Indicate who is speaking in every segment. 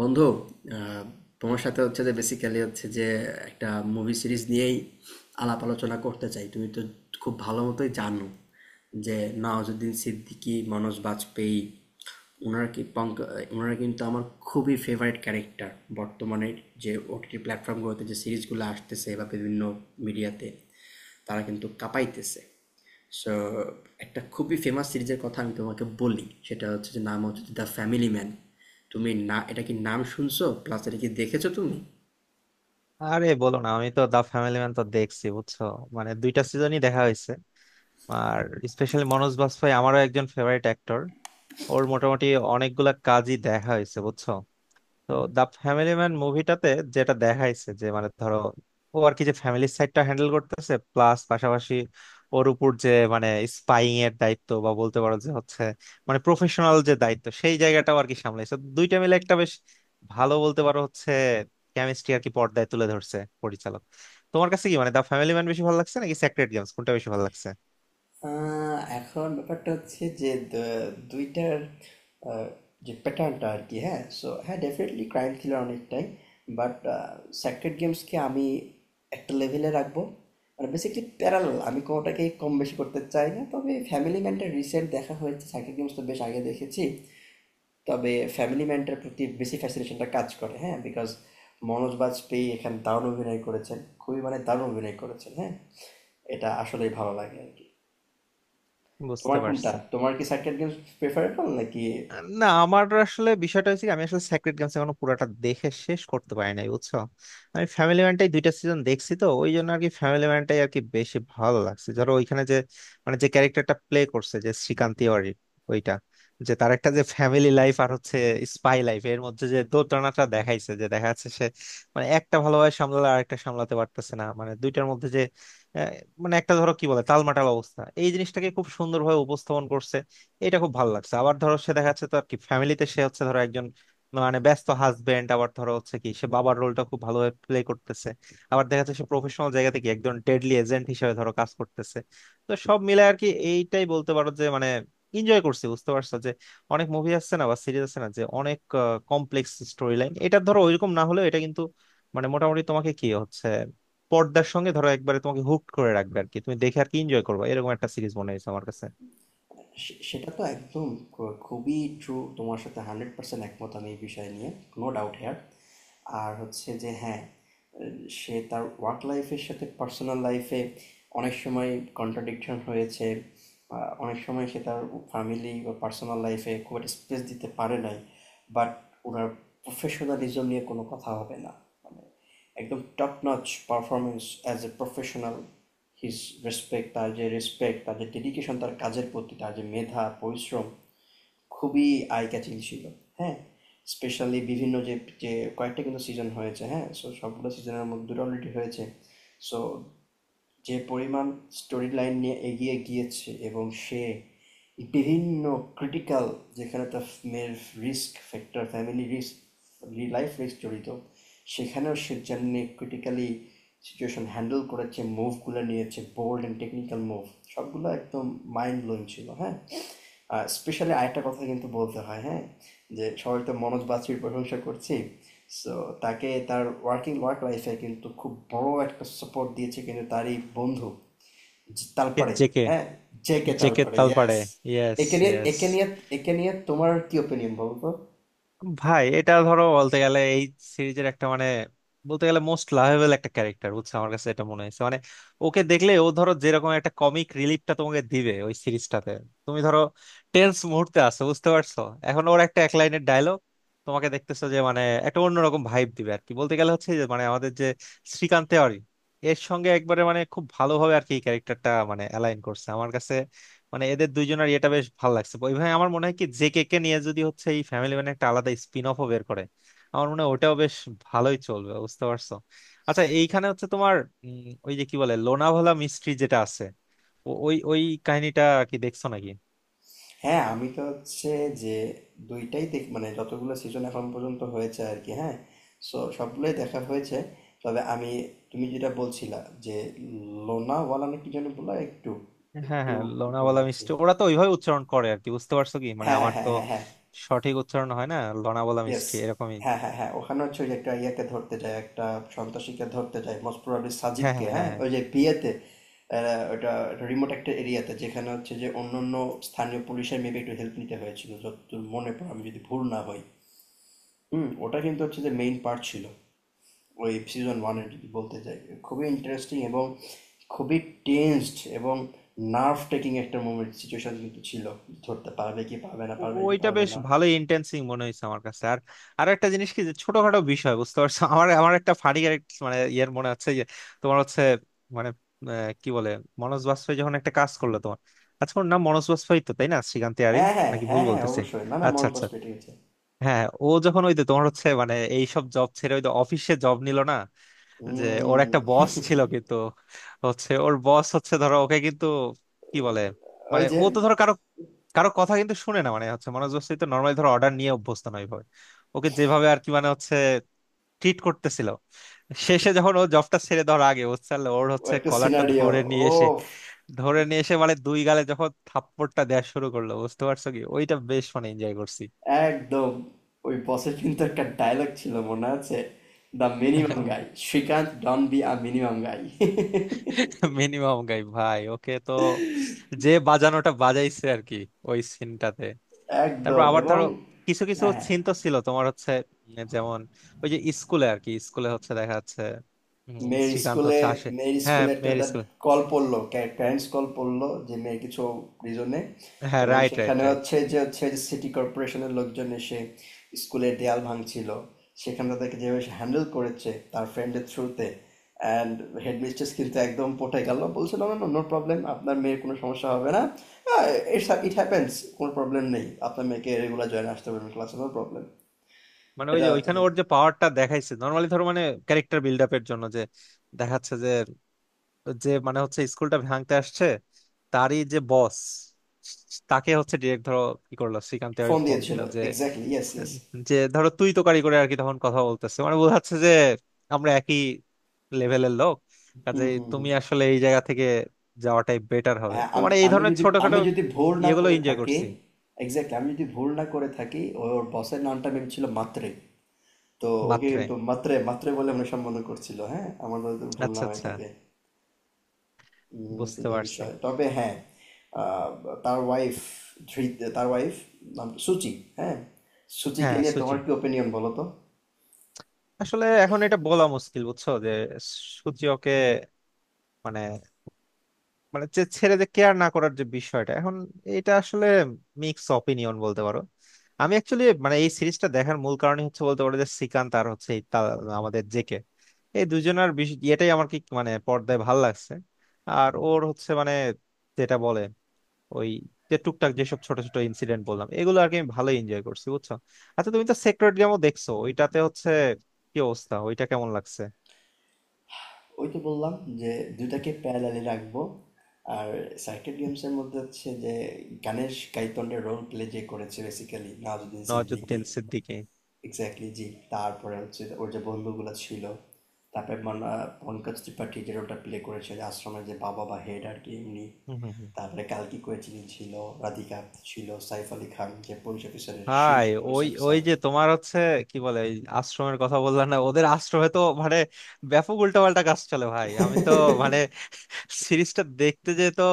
Speaker 1: বন্ধু, আহ, তোমার সাথে হচ্ছে যে বেসিক্যালি হচ্ছে যে একটা মুভি সিরিজ নিয়েই আলাপ আলোচনা করতে চাই। তুমি তো খুব ভালো মতোই জানো যে নওয়াজুদ্দিন সিদ্দিকী, মনোজ বাজপেয়ী, ওনারা কি পঙ্ক ওনারা কিন্তু আমার খুবই ফেভারিট ক্যারেক্টার। বর্তমানে যে ওটিটি প্ল্যাটফর্মগুলোতে যে সিরিজগুলো আসতেছে বা বিভিন্ন মিডিয়াতে, তারা কিন্তু কাঁপাইতেছে। সো একটা খুবই ফেমাস সিরিজের কথা আমি তোমাকে বলি, সেটা হচ্ছে যে নাম হচ্ছে দ্য ফ্যামিলি ম্যান। তুমি না এটা কি নাম শুনছো প্লাস এটা কি দেখেছো তুমি?
Speaker 2: আরে বলো না, আমি তো দা ফ্যামিলি ম্যান তো দেখছি বুঝছো। দুইটা সিজনই দেখা হয়েছে। আর স্পেশালি মনোজ বাজপেয়ী আমারও একজন ফেভারিট অ্যাক্টর। ওর মোটামুটি অনেকগুলা কাজই দেখা হয়েছে বুঝছো। তো দা ফ্যামিলি ম্যান মুভিটাতে যেটা দেখাইছে যে ধরো, ও আর কি, যে ফ্যামিলির সাইডটা হ্যান্ডেল করতেছে, প্লাস পাশাপাশি ওর উপর যে স্পাইং এর দায়িত্ব, বা বলতে পারো যে হচ্ছে প্রফেশনাল যে দায়িত্ব, সেই জায়গাটাও আর কি সামলাইছে। তো দুইটা মিলে একটা বেশ ভালো বলতে পারো হচ্ছে কেমিস্ট্রি আর কি পর্দায় তুলে ধরছে পরিচালক। তোমার কাছে কি দা ফ্যামিলি ম্যান বেশি ভালো লাগছে নাকি সেক্রেট গেমস, কোনটা বেশি ভালো লাগছে?
Speaker 1: এখন ব্যাপারটা হচ্ছে যে দুইটার আহ, যে প্যাটার্নটা আর কি, হ্যাঁ, সো হ্যাঁ ডেফিনেটলি ক্রাইম থ্রিলার অনেকটাই। বাট স্যাক্রেড গেমসকে আমি একটা লেভেলে রাখবো, মানে বেসিক্যালি প্যারালাল, আমি কোনোটাকে কম বেশি করতে চাই না। তবে ফ্যামিলি ম্যানটা রিসেন্ট দেখা হয়েছে, স্যাক্রেড গেমস তো বেশ আগে দেখেছি। তবে ফ্যামিলি ম্যানটার প্রতি বেশি ফ্যাসিনেশনটা কাজ করে, হ্যাঁ? বিকজ মনোজ বাজপেয়ী এখানে দারুণ অভিনয় করেছেন। খুবই মানে দারুণ অভিনয় করেছেন, হ্যাঁ? এটা আসলেই ভালো লাগে আরকি।
Speaker 2: বুঝতে
Speaker 1: তোমার কোনটা?
Speaker 2: পারছি।
Speaker 1: তোমার কি সার্কেল গেমস প্রেফারেবল নাকি?
Speaker 2: না, আমার আসলে বিষয়টা হচ্ছে কি, আমি আসলে সেক্রেট গেমস এখনো পুরাটা দেখে শেষ করতে পারি নাই বুঝছো। আমি ফ্যামিলি ম্যানটাই দুইটা সিজন দেখছি, তো ওই জন্য আর কি ফ্যামিলি ম্যানটাই আর কি বেশি ভালো লাগছে। ধরো ওইখানে যে যে ক্যারেক্টারটা প্লে করছে, যে শ্রীকান্ত তিওয়ারি, ওইটা, যে তার একটা যে ফ্যামিলি লাইফ আর হচ্ছে স্পাই লাইফ এর মধ্যে যে দোটানাটা দেখাইছে, যে দেখা যাচ্ছে সে একটা ভালোভাবে সামলালে আরেকটা সামলাতে পারতেছে না, মানে দুইটার মধ্যে যে আহ, একটা ধরো কি বলে টালমাটাল অবস্থা, এই জিনিসটাকে খুব সুন্দরভাবে উপস্থাপন করছে। এটা খুব ভালো লাগছে। আবার ধরো সে দেখা যাচ্ছে তো আর কি ফ্যামিলিতে সে হচ্ছে ধরো একজন ব্যস্ত হাজবেন্ড, আবার ধরো হচ্ছে কি সে বাবার রোলটা খুব ভালোভাবে প্লে করতেছে, আবার দেখা যাচ্ছে সে প্রফেশনাল জায়গা থেকে একজন ডেডলি এজেন্ট হিসেবে ধরো কাজ করতেছে। তো সব মিলে আর কি এইটাই বলতে পারো যে এনজয় করছি বুঝতে পারছো। যে অনেক মুভি আসছে না বা সিরিজ আছে না যে অনেক কমপ্লেক্স স্টোরি লাইন, এটা ধরো ওইরকম না হলেও এটা কিন্তু মোটামুটি তোমাকে কি হচ্ছে পর্দার সঙ্গে ধরো একবারে তোমাকে হুক করে রাখবে আর কি, তুমি দেখে আর কি এনজয় করবে, এরকম একটা সিরিজ মনে হয়েছে আমার কাছে।
Speaker 1: সে সেটা তো একদম খুবই ট্রু, তোমার সাথে 100% একমত আমি এই বিষয় নিয়ে। No doubt here. আর হচ্ছে যে, হ্যাঁ, সে তার ওয়ার্ক লাইফের সাথে পার্সোনাল লাইফে অনেক সময় কন্ট্রাডিকশন হয়েছে। অনেক সময় সে তার ফ্যামিলি বা পার্সোনাল লাইফে খুব একটা স্পেস দিতে পারে নাই। বাট ওনার প্রফেশনালিজম নিয়ে কোনো কথা হবে না। মানে একদম top notch performance as a professional. His respect, তার যে রেসপেক্ট, তার যে ডেডিকেশন তার কাজের প্রতি, তার যে মেধা পরিশ্রম, খুবই আই ক্যাচিং ছিল। হ্যাঁ, স্পেশালি বিভিন্ন যে যে কয়েকটা কিন্তু সিজন হয়েছে, হ্যাঁ, সো সবগুলো সিজনের মধ্যে অলরেডি হয়েছে। সো যে পরিমাণ স্টোরি লাইন নিয়ে এগিয়ে গিয়েছে, এবং সে বিভিন্ন ক্রিটিক্যাল, যেখানে তার মেয়ের risk factor, family risk, life risk জড়িত, সেখানেও সে যেমনি ক্রিটিক্যালি সিচুয়েশন হ্যান্ডেল করেছে, মুভগুলো নিয়েছে বোল্ড অ্যান্ড টেকনিক্যাল মুভ, সবগুলো একদম মাইন্ড ব্লোয়িং ছিল। হ্যাঁ, স্পেশালি আরেকটা কথা কিন্তু বলতে হয়, হ্যাঁ? যে সবাই তো মনোজ বাছুর প্রশংসা করছি। সো তাকে তার ওয়ার্কিং ওয়ার্ক লাইফ এ কিন্তু খুব বড় একটা সাপোর্ট দিয়েছে কিন্তু তারই বন্ধু, যে তালপাড়ে,
Speaker 2: জেকে।
Speaker 1: হ্যাঁ? J K
Speaker 2: J K
Speaker 1: তালপাড়ে,
Speaker 2: তালপাড়ে।
Speaker 1: Yes!
Speaker 2: Yes,
Speaker 1: একে নিয়ে
Speaker 2: ইয়েস।
Speaker 1: একে নিয়ে একে নিয়ে তোমার কি ওপিনিয়ন বলো তো?
Speaker 2: ভাই এটা ধরো বলতে গেলে এই সিরিজের একটা বলতে গেলে মোস্ট লাভেবল একটা ক্যারেক্টার বুঝছো। আমার কাছে এটা মনে হয়েছে। ওকে দেখলে ও ধরো যেরকম একটা কমিক রিলিফটা তোমাকে দিবে ওই সিরিজটাতে। তুমি ধরো টেন্স মুহূর্তে আছো বুঝতে পারছো, এখন ওর একটা এক লাইনের ডায়লগ তোমাকে দেখতেছো যে একটা অন্যরকম ভাইব দিবে আর কি। বলতে গেলে হচ্ছে যে আমাদের যে শ্রীকান্ত তেওয়ারি এর সঙ্গে একবারে খুব ভালোভাবে আর কি ক্যারেক্টারটা অ্যালাইন করছে আমার কাছে। এদের দুইজনের এটা বেশ ভালো লাগছে ওইভাবে। আমার মনে হয় কি জেকে কে কে নিয়ে যদি হচ্ছে এই ফ্যামিলি ম্যান একটা আলাদা স্পিন অফ বের করে, আমার মনে হয় ওটাও বেশ ভালোই চলবে বুঝতে পারছো। আচ্ছা, এইখানে হচ্ছে তোমার ওই যে কি বলে লোনাভালা মিস্ট্রি যেটা আছে, ও- ওই ওই কাহিনীটা কি দেখছো নাকি?
Speaker 1: হ্যাঁ, আমি তো হচ্ছে যে দুইটাই দেখ, মানে যতগুলো সিজন এখন পর্যন্ত হয়েছে আর কি, হ্যাঁ, সো সবগুলোই দেখা হয়েছে। তবে আমি, তুমি যেটা বলছিলা যে লোনাওয়ালা না কি যেন বললা, একটু
Speaker 2: হ্যাঁ
Speaker 1: একটু
Speaker 2: হ্যাঁ,
Speaker 1: বোঝা
Speaker 2: লোনাভালা
Speaker 1: যাচ্ছে।
Speaker 2: মিষ্টি ওরা তো ওইভাবে উচ্চারণ করে আর কি, বুঝতে পারছো কি
Speaker 1: হ্যাঁ,
Speaker 2: আমার
Speaker 1: হ্যাঁ,
Speaker 2: তো
Speaker 1: হ্যাঁ, হ্যাঁ, হ্যাঁ।
Speaker 2: সঠিক উচ্চারণ হয় না, লোনাভালা
Speaker 1: ইয়েস,
Speaker 2: মিষ্টি এরকমই।
Speaker 1: হ্যাঁ, হ্যাঁ, হ্যাঁ। ওখানে হচ্ছে ওই যে একটা ইয়াকে ধরতে যায়, একটা সন্ত্রাসীকে ধরতে যায়, মোস্ট প্রবাবলি
Speaker 2: হ্যাঁ
Speaker 1: সাজিদকে,
Speaker 2: হ্যাঁ
Speaker 1: হ্যাঁ,
Speaker 2: হ্যাঁ।
Speaker 1: ওই যে বিয়েতে। ওটা রিমোট একটা এরিয়াতে, যেখানে হচ্ছে যে অন্য অন্য স্থানীয় পুলিশের মেবি একটু হেল্প নিতে হয়েছিল যতদূর মনে পড়ে, আমি যদি ভুল না হই। হুম, ওটা কিন্তু হচ্ছে যে মেইন পার্ট ছিল ওই সিজন ওয়ানের, যদি বলতে চাই। খুবই ইন্টারেস্টিং এবং খুবই টেন্সড এবং নার্ভ টেকিং একটা মোমেন্ট সিচুয়েশন কিন্তু ছিল। ধরতে পারবে কি পারবে না,
Speaker 2: ও-
Speaker 1: পারবে কি
Speaker 2: ওইটা
Speaker 1: পারবে
Speaker 2: বেশ
Speaker 1: না।
Speaker 2: ভালোই ইন্টেন্সিং মনে হয়েছে আমার কাছে। আর আর একটা জিনিস কি যে ছোটখাটো বিষয় বুঝতে পারছো আমার আমার একটা ফানি ইয়ের মনে হচ্ছে যে তোমার হচ্ছে মানে কি বলে, মনোজ বাজপেয়ী যখন একটা কাজ করলো তোমার, আচ্ছা ওর নাম মনোজ বাজপেয়ী তো, তাই না? শ্রীকান্ত ইয়ারি
Speaker 1: হ্যাঁ, হ্যাঁ,
Speaker 2: নাকি, ভুল
Speaker 1: হ্যাঁ, হ্যাঁ,
Speaker 2: বলতেছে।
Speaker 1: অবশ্যই। না না,
Speaker 2: আচ্ছা
Speaker 1: মন
Speaker 2: আচ্ছা।
Speaker 1: বাস পেটে গেছে।
Speaker 2: হ্যাঁ ও যখন ওই যে তোমার হচ্ছে এইসব জব ছেড়ে ওই অফিসে জব নিল না, যে ওর
Speaker 1: হুম।
Speaker 2: একটা বস ছিল কিন্তু, হচ্ছে ওর বস হচ্ছে ধরো ওকে কিন্তু, কি বলে,
Speaker 1: ওই যে,
Speaker 2: ও তো ধরো কারো কারো কথা কিন্তু শুনে না, মানে হচ্ছে মনোজ বস্তি তো নর্মালি ধরো অর্ডার নিয়ে অভ্যস্ত নয় ভাবে, ওকে যেভাবে আর কি হচ্ছে ট্রিট করতেছিল, শেষে যখন ও জবটা ছেড়ে দেওয়ার আগে বুঝছাল, ওর
Speaker 1: ও
Speaker 2: হচ্ছে
Speaker 1: একটা
Speaker 2: কলারটা
Speaker 1: সিনারিও,
Speaker 2: ধরে নিয়ে
Speaker 1: ও
Speaker 2: এসে, ধরে নিয়ে এসে দুই গালে যখন থাপ্পড়টা দেওয়া শুরু করলো বুঝতে পারছো কি, ওইটা বেশ এনজয় করছি।
Speaker 1: একদম ওই বসের কিন্তু একটা ডায়লগ ছিল মনে আছে, the minimum guy, Srikant don't be a minimum guy.
Speaker 2: Minimum guy ভাই, ওকে তো যে বাজানোটা বাজাইছে আর কি ওই সিনটাতে। তারপর
Speaker 1: একদম।
Speaker 2: আবার
Speaker 1: এবং
Speaker 2: ধরো কিছু কিছু
Speaker 1: হ্যাঁ, হ্যাঁ,
Speaker 2: সিন তো ছিল তোমার হচ্ছে যেমন ওই যে স্কুলে আর কি, স্কুলে হচ্ছে দেখা যাচ্ছে উম,
Speaker 1: মেয়ের
Speaker 2: শ্রীকান্ত
Speaker 1: স্কুলে,
Speaker 2: হচ্ছে আসে,
Speaker 1: মেয়ের
Speaker 2: হ্যাঁ
Speaker 1: স্কুলে একটা
Speaker 2: মেয়ের স্কুলে।
Speaker 1: কল পড়লো, প্যারেন্টস কল পড়লো যে মেয়ের কিছু রিজনে,
Speaker 2: হ্যাঁ
Speaker 1: এবং
Speaker 2: রাইট রাইট
Speaker 1: সেখানে
Speaker 2: রাইট।
Speaker 1: হচ্ছে যে হচ্ছে যে সিটি কর্পোরেশনের লোকজন এসে স্কুলের দেয়াল ভাঙছিল। সেখানে তাদেরকে যেভাবে হ্যান্ডেল করেছে তার ফ্রেন্ডের থ্রুতে, অ্যান্ড হেডমিস্ট্রেস কিন্তু একদম পটে গেল, বলছিল না না, নো প্রবলেম, আপনার মেয়ের কোনো সমস্যা হবে না, ইটস ইট হ্যাপেন্স, কোনো প্রবলেম নেই, আপনার মেয়েকে রেগুলার জয়েন আসতে পারবেন ক্লাসে, নো প্রবলেম।
Speaker 2: ওই
Speaker 1: এটা
Speaker 2: যে ওইখানে ওর যে পাওয়ারটা দেখাইছে, নর্মালি ধরো ক্যারেক্টার বিল্ড আপের জন্য যে দেখাচ্ছে যে, হচ্ছে স্কুলটা ভাঙতে আসছে, তারই যে বস, তাকে হচ্ছে ডিরেক্ট ধরো কি করলো শ্রীকান্তে ওই
Speaker 1: ফোন
Speaker 2: ফোন দিল
Speaker 1: দিয়েছিল।
Speaker 2: যে,
Speaker 1: এক্স্যাক্টলি, ইয়েস, ইয়েস।
Speaker 2: যে ধরো তুই তো কারি করে আর কি, তখন কথা বলতেছে মানে বোঝাচ্ছে যে আমরা একই লেভেলের লোক কাজে, তুমি আসলে এই জায়গা থেকে যাওয়াটাই বেটার হবে।
Speaker 1: হ্যাঁ,
Speaker 2: তো
Speaker 1: আম-
Speaker 2: এই
Speaker 1: আমি
Speaker 2: ধরনের
Speaker 1: যদি আমি
Speaker 2: ছোটখাটো
Speaker 1: যদি ভুল না
Speaker 2: ইয়েগুলো
Speaker 1: করে
Speaker 2: এনজয়
Speaker 1: থাকি,
Speaker 2: করছি।
Speaker 1: এক্স্যাক্টলি, আমি যদি ভুল না করে থাকি, ওর বসের নামটা মেম ছিল, মাত্রে। তো ওকে
Speaker 2: মাত্রে,
Speaker 1: কিন্তু মাত্রে মাত্রে বলে আমরা সম্বোধন করছিল, হ্যাঁ, আমার যদি ভুল
Speaker 2: আচ্ছা
Speaker 1: না হয়ে
Speaker 2: আচ্ছা,
Speaker 1: থাকে। এটা
Speaker 2: বুঝতে
Speaker 1: যে
Speaker 2: পারছি।
Speaker 1: বিষয় তবে, হ্যাঁ। আহ, তার ওয়াইফ, ধৃত তার ওয়াইফ, নাম সুচি। হ্যাঁ, সুচিকে
Speaker 2: হ্যাঁ
Speaker 1: নিয়ে
Speaker 2: সুচি,
Speaker 1: তোমার কি ওপিনিয়ন বলো তো?
Speaker 2: আসলে এখন এটা বলা মুশকিল বুঝছো যে সুচি ওকে মানে মানে যে ছেড়ে যে কেয়ার না করার যে বিষয়টা এখন, এটা আসলে মিক্স অপিনিয়ন বলতে পারো। আমি অ্যাকচুয়ালি এই সিরিজটা দেখার মূল কারণই হচ্ছে বলতে পারো যে শ্রীকান্ত আর হচ্ছে এই তা-, আমাদের জেকে, এই দুজনের ইয়েটাই আমার কি পর্দায় ভাল লাগছে। আর ওর হচ্ছে যেটা বলে, ওই যে টুকটাক যেসব ছোট ছোট ইনসিডেন্ট বললাম এগুলো আর কি, আমি ভালোই এনজয় করছি বুঝছো। আচ্ছা তুমি তো সেক্রেট গেমও দেখছো, ওইটাতে হচ্ছে কি অবস্থা, ওইটা কেমন লাগছে?
Speaker 1: ওই তো বললাম যে দুইটাকে প্যারালালি রাখবো। আর সার্কিট গেমস এর মধ্যে হচ্ছে যে গানের গাইতন্ডে রোল প্লে যে করেছে বেসিক্যালি নওয়াজুদ্দিন সিদ্দিকী।
Speaker 2: নওয়াজুদ্দিন সিদ্দিকী।
Speaker 1: এক্স্যাক্টলি জি। তারপরে হচ্ছে ওর যে বন্ধুগুলো ছিল, তারপরে মানে পঙ্কজ ত্রিপাঠী যে রোলটা প্লে করেছে, যে আশ্রমের যে বাবা বা হেড আর কি এমনি।
Speaker 2: হম হম।
Speaker 1: তারপরে কালকি কোয়েচিনি ছিল, রাধিকা আপ্তে ছিল, সাইফ আলী খান যে পুলিশ অফিসারের, শিখ
Speaker 2: ভাই
Speaker 1: পুলিশ
Speaker 2: ওই ওই
Speaker 1: অফিসার।
Speaker 2: যে তোমার হচ্ছে কি বলে, ওই আশ্রমের কথা বললাম না, ওদের আশ্রমে তো ব্যাপক উল্টাপাল্টা কাজ চলে ভাই। আমি তো মানে সিরিজটা দেখতে যে তো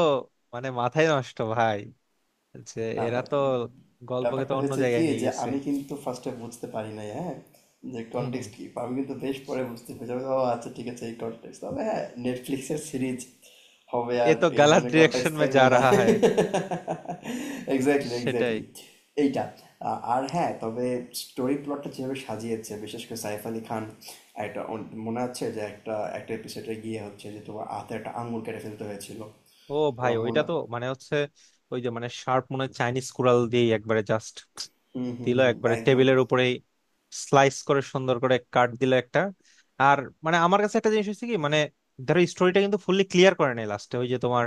Speaker 2: মাথায় নষ্ট ভাই, যে
Speaker 1: না
Speaker 2: এরা
Speaker 1: ব্যা-
Speaker 2: তো গল্পকে তো
Speaker 1: ব্যাপারটা
Speaker 2: অন্য
Speaker 1: হয়েছে
Speaker 2: জায়গায়
Speaker 1: কি
Speaker 2: নিয়ে
Speaker 1: যে
Speaker 2: গেছে।
Speaker 1: আমি কিন্তু ফার্স্টে বুঝতে পারি নাই, হ্যাঁ, যে
Speaker 2: হুম, হুম।
Speaker 1: কনটেক্সট কি। আমি কিন্তু বেশ পরে বুঝতে পেরেছি আমি, ও আচ্ছা ঠিক আছে এই কনটেক্সট, তবে হ্যাঁ নেটফ্লিক্সের সিরিজ হবে
Speaker 2: এ
Speaker 1: আর
Speaker 2: তো
Speaker 1: এই
Speaker 2: গালার
Speaker 1: ধরনের কনটেক্সট
Speaker 2: ডিরেকশন মে যা
Speaker 1: থাকবে না।
Speaker 2: রাহা হ্যায়।
Speaker 1: এক্স্যাক্টলি,
Speaker 2: সেটাই।
Speaker 1: এক্স্যাক্টলি। এইটা, আর হ্যাঁ, তবে স্টোরি প্লটটা যেভাবে সাজিয়েছে, বিশেষ করে সাইফ আলী খান, একটা মনে আছে যে একটা একটা এপিসোডে গিয়ে হচ্ছে যে তোমার হাতে একটা আঙুল কেটে ফেলতে হয়েছিল,
Speaker 2: ও ভাই,
Speaker 1: তোমার
Speaker 2: ওইটা
Speaker 1: মনে।
Speaker 2: তো হচ্ছে ওই যে শার্প মনে হয় চাইনিজ কুড়াল দিয়ে একবারে জাস্ট
Speaker 1: হুম, হুম,
Speaker 2: দিল
Speaker 1: হুম,
Speaker 2: একবারে
Speaker 1: একদম।
Speaker 2: টেবিলের উপরে, স্লাইস করে সুন্দর করে কাট দিল একটা। আর আমার কাছে একটা জিনিস হচ্ছে কি, ধরো স্টোরিটা কিন্তু ফুললি ক্লিয়ার করে নাই লাস্টে, ওই যে তোমার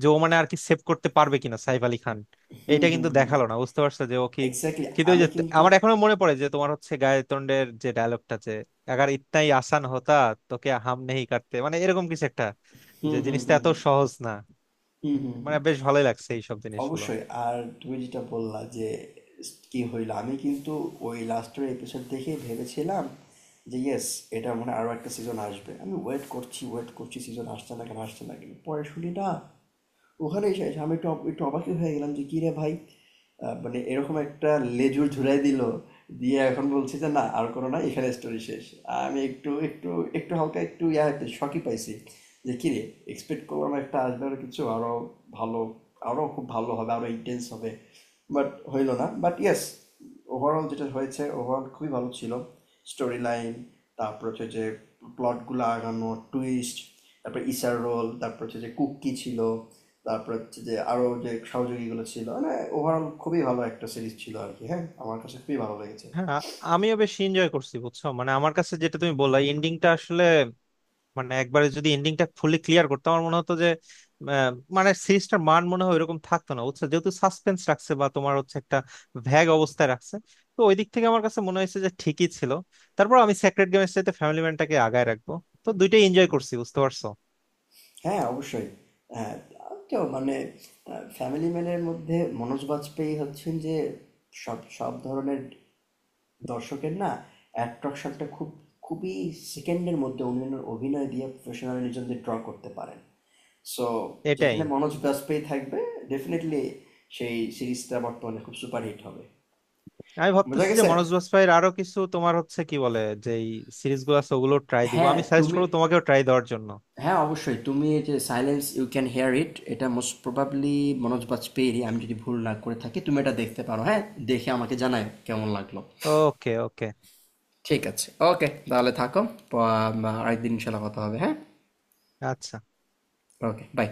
Speaker 2: যে ও আর কি সেভ করতে পারবে কিনা সাইফ আলী খান,
Speaker 1: হুম,
Speaker 2: এইটা
Speaker 1: হুম,
Speaker 2: কিন্তু
Speaker 1: হুম।
Speaker 2: দেখালো না বুঝতে পারছো যে ও কি,
Speaker 1: এক্স্যাক্টলি।
Speaker 2: কিন্তু ওই
Speaker 1: আমি
Speaker 2: যে
Speaker 1: কিন্তু
Speaker 2: আমার এখনো মনে পড়ে যে তোমার হচ্ছে গায়তোন্ডের যে ডায়লগটা, যে "আগার ইতনা হি আসান হতা তোকে হাম নেহি কাটতে", এরকম কিছু একটা,
Speaker 1: হুম,
Speaker 2: যে
Speaker 1: হুম,
Speaker 2: জিনিসটা
Speaker 1: হুম,
Speaker 2: এত
Speaker 1: হুম।
Speaker 2: সহজ না।
Speaker 1: হুম, হুম, হুম।
Speaker 2: বেশ ভালোই লাগছে এইসব জিনিসগুলো।
Speaker 1: অবশ্যই। আর তুমি যেটা বললা যে কি হইলো, আমি কিন্তু ওই লাস্টের এপিসোড দেখে ভেবেছিলাম যে ইয়েস, এটা মনে হয় আরো একটা সিজন আসবে। আমি ওয়েট করছি ওয়েট করছি, সিজন আসছে না কেন আসছে না কেন, পরে শুনি না ওখানেই শেষ। আমি একটু অবাকই হয়ে গেলাম যে, "কি রে ভাই! আ মানে এরকম একটা লেজুর ঝুরাই দিল। দিয়ে এখন বলছে যে, 'না আর করো না, এখানে স্টোরি শেষ।' আমি একটু একটু একটু হালকা একটু ইয়াতে শকই পাইছি। যে, "কিরে! এক্সপেক্ট করলাম একটা আসবে আরও কিছু, আরও ভালো, আরও খুব ভালো হবে, আরও ইনটেন্স হবে।" বাট হইল না। বাট ইয়েস, ওভারঅল যেটা হয়েছে, ওভারঅল খুবই ভালো ছিল। স্টোরি লাইন, তারপর হচ্ছে যে প্লটগুলো আগানো টুইস্ট, তারপর ইসার রোল, তারপর হচ্ছে যে কুকি ছিল, তারপর হচ্ছে যে আরও যে সহযোগীগুলো ছিল মানে, ওভারঅল খুবই ভালো একটা সিরিজ ছিল আর কি, হ্যাঁ, আমার কাছে খুবই ভালো লেগেছে।
Speaker 2: হ্যাঁ আমিও বেশ এনজয় করছি বুঝছো। আমার কাছে যেটা তুমি বললা, এন্ডিংটা আসলে একবারে যদি এন্ডিংটা ফুলি ক্লিয়ার করতো, আমার মনে হতো যে আহ, সিরিজটার মান মনে হয় এরকম থাকতো না বুঝছো। যেহেতু সাসপেন্স রাখছে বা তোমার হচ্ছে একটা ভ্যাগ অবস্থায় রাখছে, তো ওই দিক থেকে আমার কাছে মনে হয়েছে যে ঠিকই ছিল। তারপর আমি সেক্রেট গেমের চাইতে ফ্যামিলি ম্যানটাকে আগায় রাখবো। তো দুইটাই এনজয় করছি বুঝতে পারছো।
Speaker 1: হ্যাঁ, অবশ্যই। হ্যাঁ, তো মানে ফ্যামিলি ম্যানের মধ্যে মনোজ বাজপেয়ী হচ্ছেন যে সব সব ধরনের দর্শকের না অ্যাট্রাকশনটা খুব খুবই সেকেন্ডের মধ্যে উনি ওনার অভিনয় দিয়ে প্রফেশনালিজমদের ড্র করতে পারেন। সো
Speaker 2: এটাই।
Speaker 1: যেখানে মনোজ বাজপেয়ী থাকবে ডেফিনেটলি সেই সিরিজটা বর্তমানে খুব সুপারহিট হবে।
Speaker 2: আমি
Speaker 1: বোঝা
Speaker 2: ভাবতেছি যে
Speaker 1: গেছে।
Speaker 2: মনোজ বাজপাইয়ের আরো কিছু তোমার হচ্ছে কি বলে, যে সিরিজগুলো আছে ওগুলো ট্রাই দিব,
Speaker 1: হ্যাঁ
Speaker 2: আমি সাজেস্ট
Speaker 1: তুমি,
Speaker 2: করবো তোমাকেও ট্রাই দেওয়ার জন্য।
Speaker 1: হ্যাঁ অবশ্যই তুমি এই যে silence you can hear it, এটা মোস্ট প্রবাবলি মনোজ বাজপেয়ীরই, আমি যদি ভুল না করে থাকি। তুমি এটা দেখতে পারো, হ্যাঁ, দেখে আমাকে জানায় কেমন লাগলো।
Speaker 2: ওকে ওকে,
Speaker 1: ঠিক আছে, ওকে, তাহলে থাকো। আরেকদিন ইনশাল্লাহ কথা হবে, হ্যাঁ।
Speaker 2: আচ্ছা।
Speaker 1: ওকে, বাই।